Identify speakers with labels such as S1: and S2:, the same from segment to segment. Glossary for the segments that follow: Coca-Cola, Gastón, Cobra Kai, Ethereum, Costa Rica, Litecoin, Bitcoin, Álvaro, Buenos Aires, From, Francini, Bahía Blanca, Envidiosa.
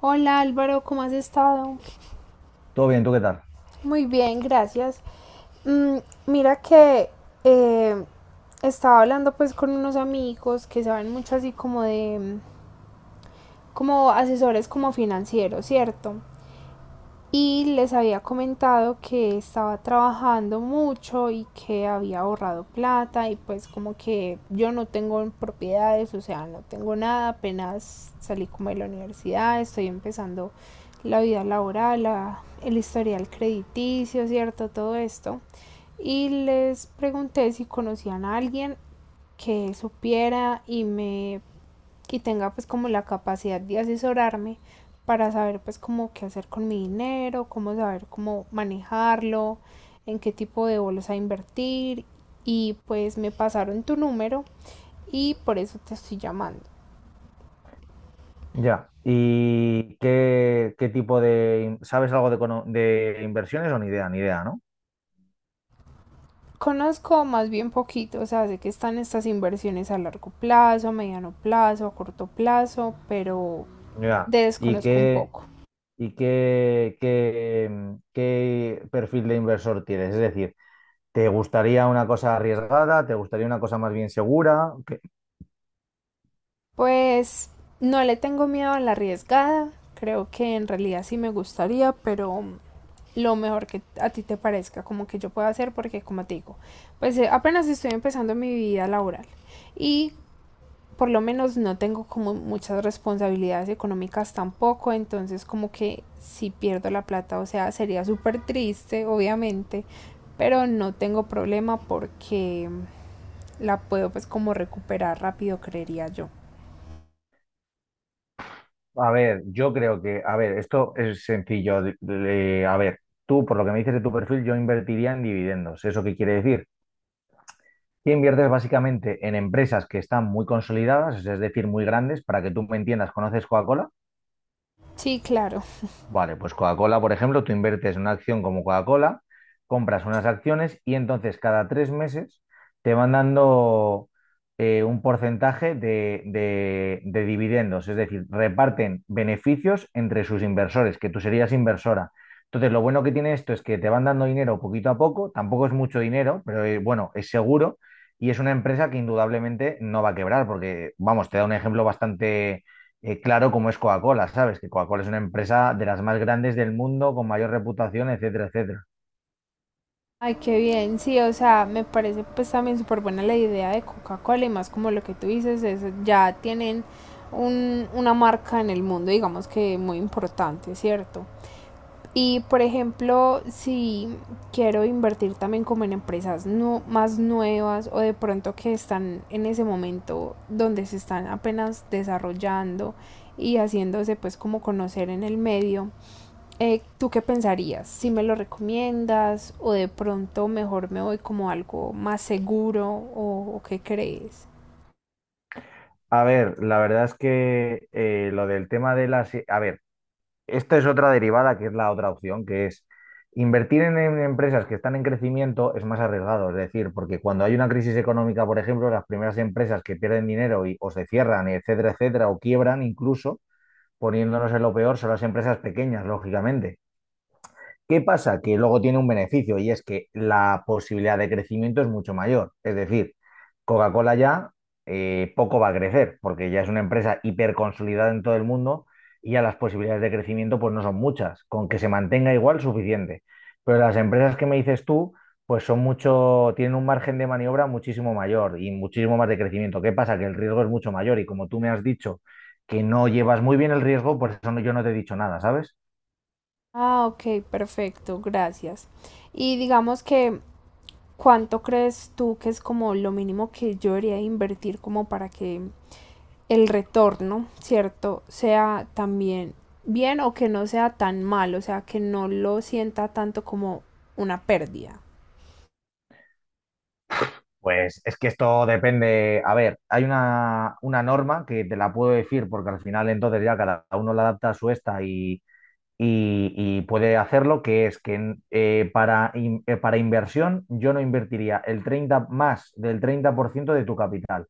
S1: Hola Álvaro, ¿cómo has estado?
S2: Todo bien, ¿tú qué tal?
S1: Muy bien, gracias. Mm, Mira que eh, estaba hablando, pues, con unos amigos que saben mucho, así como de, como asesores como financieros, ¿cierto? Y les había comentado que estaba trabajando mucho y que había ahorrado plata, y pues como que yo no tengo propiedades, o sea, no tengo nada, apenas salí como de la universidad, estoy empezando la vida laboral, la, el historial crediticio, ¿cierto? Todo esto. Y les pregunté si conocían a alguien que supiera y me y tenga pues como la capacidad de asesorarme para saber pues como qué hacer con mi dinero, cómo saber cómo manejarlo, en qué tipo de bolsa invertir, y pues me pasaron tu número y por eso te estoy llamando.
S2: Ya. ¿Y qué, qué tipo de... in- ¿Sabes algo de inversiones o ni idea? Ni idea, ¿no?
S1: Conozco más bien poquito, o sea, sé que están estas inversiones a largo plazo, a mediano plazo, a corto plazo, pero
S2: Ya. ¿Y
S1: desconozco un
S2: qué,
S1: poco.
S2: y qué perfil de inversor tienes? Es decir, ¿te gustaría una cosa arriesgada? ¿Te gustaría una cosa más bien segura?
S1: Pues no le tengo miedo a la arriesgada. Creo que en realidad sí me gustaría, pero lo mejor que a ti te parezca, como que yo pueda hacer, porque como te digo, pues apenas estoy empezando mi vida laboral, y por lo menos no tengo como muchas responsabilidades económicas tampoco, entonces como que si pierdo la plata, o sea, sería súper triste, obviamente, pero no tengo problema porque la puedo pues como recuperar rápido, creería yo.
S2: A ver, yo creo que... A ver, esto es sencillo. A ver, tú, por lo que me dices de tu perfil, yo invertiría en dividendos. ¿Eso qué quiere decir? Y inviertes básicamente en empresas que están muy consolidadas, es decir, muy grandes, para que tú me entiendas, ¿conoces Coca-Cola?
S1: Sí, claro.
S2: Vale, pues Coca-Cola, por ejemplo, tú inviertes en una acción como Coca-Cola, compras unas acciones y entonces cada 3 meses te van dando un porcentaje de dividendos, es decir, reparten beneficios entre sus inversores, que tú serías inversora. Entonces, lo bueno que tiene esto es que te van dando dinero poquito a poco, tampoco es mucho dinero, pero bueno, es seguro y es una empresa que indudablemente no va a quebrar, porque, vamos, te da un ejemplo bastante claro como es Coca-Cola, ¿sabes? Que Coca-Cola es una empresa de las más grandes del mundo, con mayor reputación, etcétera, etcétera.
S1: Ay, qué bien, sí, o sea, me parece pues también súper buena la idea de Coca-Cola, y más como lo que tú dices, es, ya tienen una marca en el mundo, digamos que muy importante, ¿cierto? Y por ejemplo, si quiero invertir también como en empresas más nuevas o de pronto que están en ese momento donde se están apenas desarrollando y haciéndose pues como conocer en el medio, ¿tú qué pensarías? ¿Si me lo recomiendas o de pronto mejor me voy como algo más seguro o qué crees?
S2: A ver, la verdad es que lo del tema de las... A ver, esta es otra derivada que es la otra opción, que es invertir en empresas que están en crecimiento es más arriesgado, es decir, porque cuando hay una crisis económica, por ejemplo, las primeras empresas que pierden dinero y, o se cierran, etcétera, etcétera, o quiebran incluso, poniéndonos en lo peor, son las empresas pequeñas, lógicamente. ¿Qué pasa? Que luego tiene un beneficio y es que la posibilidad de crecimiento es mucho mayor. Es decir, Coca-Cola ya poco va a crecer porque ya es una empresa hiperconsolidada en todo el mundo y ya las posibilidades de crecimiento pues no son muchas. Con que se mantenga igual, suficiente. Pero las empresas que me dices tú, pues son mucho, tienen un margen de maniobra muchísimo mayor y muchísimo más de crecimiento. ¿Qué pasa? Que el riesgo es mucho mayor y como tú me has dicho que no llevas muy bien el riesgo, por eso yo no te he dicho nada, ¿sabes?
S1: Ah, ok, perfecto, gracias. Y digamos que, ¿cuánto crees tú que es como lo mínimo que yo debería invertir como para que el retorno, ¿cierto? Sea también bien o que no sea tan malo, o sea, que no lo sienta tanto como una pérdida.
S2: Pues es que esto depende. A ver, hay una norma que te la puedo decir porque al final entonces ya cada uno la adapta a su esta y, y puede hacerlo, que es que para inversión yo no invertiría el 30 más del 30% de tu capital.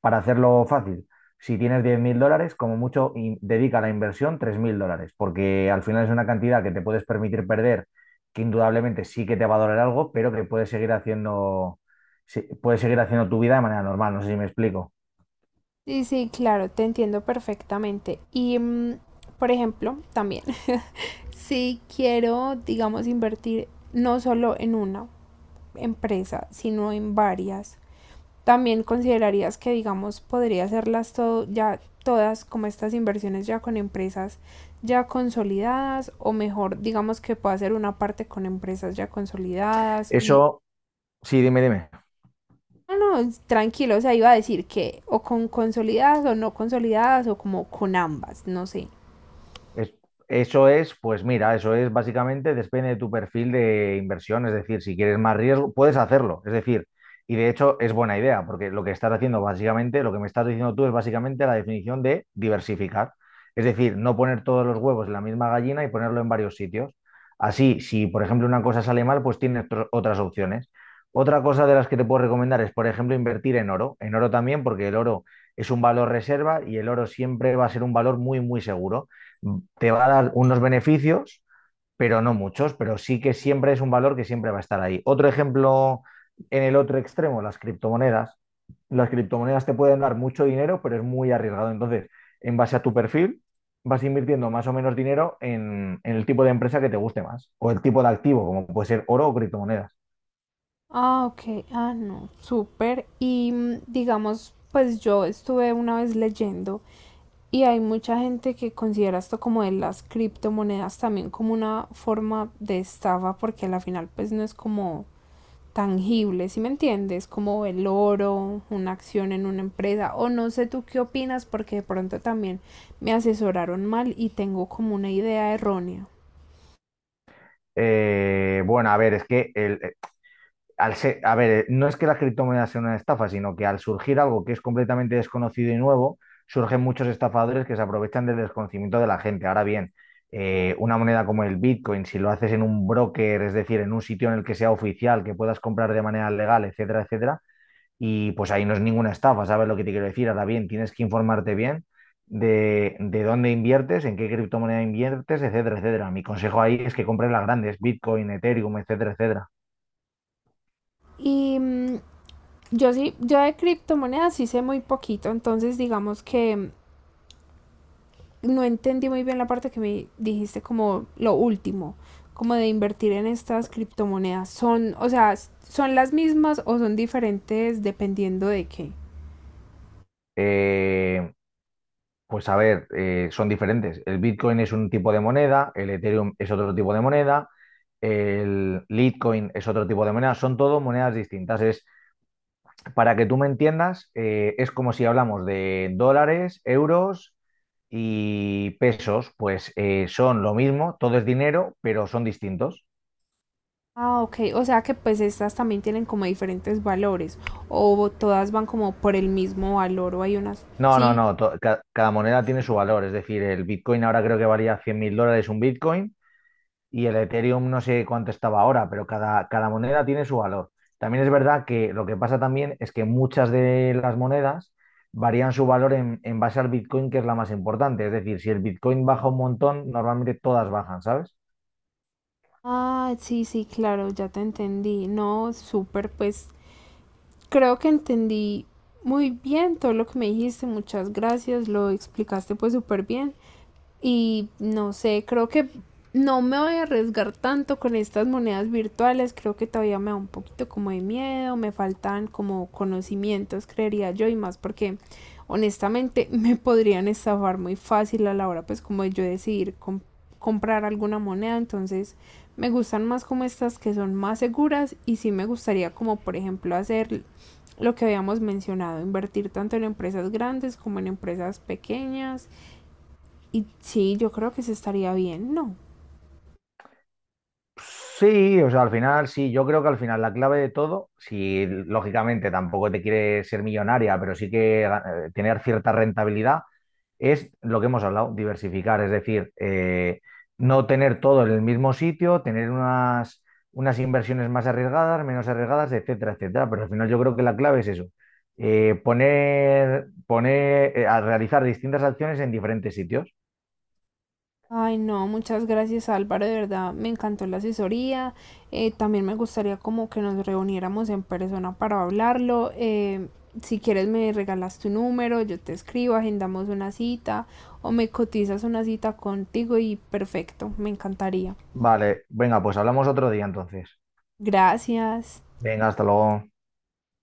S2: Para hacerlo fácil, si tienes 10.000 dólares, como mucho, dedica a la inversión 3.000 dólares, porque al final es una cantidad que te puedes permitir perder, que indudablemente sí que te va a doler algo, pero que puedes seguir haciendo, sí, puedes seguir haciendo tu vida de manera normal. No sé si me explico.
S1: Sí, sí, claro, te entiendo perfectamente. Y, por ejemplo, también, si quiero, digamos, invertir no solo en una empresa, sino en varias, también considerarías que, digamos, podría hacerlas todo, ya todas como estas inversiones ya con empresas ya consolidadas o mejor, digamos que puedo hacer una parte con empresas ya consolidadas y...
S2: Eso, sí, dime, dime.
S1: No, no, tranquilo, o sea, iba a decir que o con consolidadas o no consolidadas o como con ambas, no sé.
S2: Es- Eso es, pues mira, eso es básicamente depende de tu perfil de inversión, es decir, si quieres más riesgo, puedes hacerlo, es decir, y de hecho es buena idea, porque lo que estás haciendo básicamente, lo que me estás diciendo tú es básicamente la definición de diversificar, es decir, no poner todos los huevos en la misma gallina y ponerlo en varios sitios. Así, si por ejemplo una cosa sale mal, pues tienes otras opciones. Otra cosa de las que te puedo recomendar es, por ejemplo, invertir en oro también, porque el oro es un valor reserva y el oro siempre va a ser un valor muy, muy seguro te va a dar unos beneficios, pero no muchos, pero sí que siempre es un valor que siempre va a estar ahí. Otro ejemplo en el otro extremo, las criptomonedas. Las criptomonedas te pueden dar mucho dinero, pero es muy arriesgado. Entonces, en base a tu perfil, vas invirtiendo más o menos dinero en el tipo de empresa que te guste más o el tipo de activo, como puede ser oro o criptomonedas.
S1: Ah, ok. Ah, no. Súper. Y digamos, pues yo estuve una vez leyendo, y hay mucha gente que considera esto como de las criptomonedas también como una forma de estafa porque al final pues no es como tangible, ¿sí me entiendes? Como el oro, una acción en una empresa, o no sé tú qué opinas porque de pronto también me asesoraron mal y tengo como una idea errónea.
S2: Bueno, a ver, es que a ver, no es que las criptomonedas sean una estafa, sino que al surgir algo que es completamente desconocido y nuevo, surgen muchos estafadores que se aprovechan del desconocimiento de la gente. Ahora bien, una moneda como el Bitcoin, si lo haces en un broker, es decir, en un sitio en el que sea oficial, que puedas comprar de manera legal, etcétera, etcétera, y pues ahí no es ninguna estafa, ¿sabes lo que te quiero decir? Ahora bien, tienes que informarte bien de dónde inviertes, en qué criptomoneda inviertes, etcétera, etcétera. Mi consejo ahí es que compres las grandes, Bitcoin, Ethereum, etcétera, etcétera.
S1: Y yo sí, yo de criptomonedas sí sé muy poquito, entonces digamos que no entendí muy bien la parte que me dijiste como lo último, como de invertir en estas criptomonedas. Son, o sea, son las mismas o son diferentes dependiendo de qué.
S2: Eh, Pues a ver, son diferentes. El Bitcoin es un tipo de moneda, el Ethereum es otro tipo de moneda, el Litecoin es otro tipo de moneda, son todo monedas distintas. Es, para que tú me entiendas, es como si hablamos de dólares, euros y pesos, pues son lo mismo, todo es dinero, pero son distintos.
S1: Ah, ok, o sea que pues estas también tienen como diferentes valores o todas van como por el mismo valor o hay unas...
S2: No, no,
S1: Sí.
S2: no, cada moneda tiene su valor, es decir, el Bitcoin ahora creo que valía 100.000 dólares un Bitcoin y el Ethereum no sé cuánto estaba ahora, pero cada moneda tiene su valor. También es verdad que lo que pasa también es que muchas de las monedas varían su valor en base al Bitcoin, que es la más importante. Es decir, si el Bitcoin baja un montón, normalmente todas bajan, ¿sabes?
S1: Ah, sí, sí, claro, ya te entendí. No, súper, pues creo que entendí muy bien todo lo que me dijiste, muchas gracias, lo explicaste pues súper bien, y no sé, creo que no me voy a arriesgar tanto con estas monedas virtuales, creo que todavía me da un poquito como de miedo, me faltan como conocimientos, creería yo, y más porque honestamente me podrían estafar muy fácil a la hora pues como de yo decidir comprar alguna moneda, entonces me gustan más como estas que son más seguras, y sí me gustaría como por ejemplo hacer lo que habíamos mencionado, invertir tanto en empresas grandes como en empresas pequeñas. Y sí, yo creo que se estaría bien, ¿no?
S2: Sí, o sea, al final, sí, yo creo que al final la clave de todo, si lógicamente tampoco te quieres ser millonaria, pero sí que tener cierta rentabilidad, es lo que hemos hablado, diversificar, es decir, no tener todo en el mismo sitio, tener unas inversiones más arriesgadas, menos arriesgadas, etcétera, etcétera. Pero al final yo creo que la clave es eso, a realizar distintas acciones en diferentes sitios.
S1: Ay, no, muchas gracias, Álvaro, de verdad me encantó la asesoría. También me gustaría como que nos reuniéramos en persona para hablarlo. Si quieres me regalas tu número, yo te escribo, agendamos una cita o me cotizas una cita contigo y perfecto, me encantaría.
S2: Vale, venga, pues hablamos otro día entonces.
S1: Gracias.
S2: Venga, hasta luego.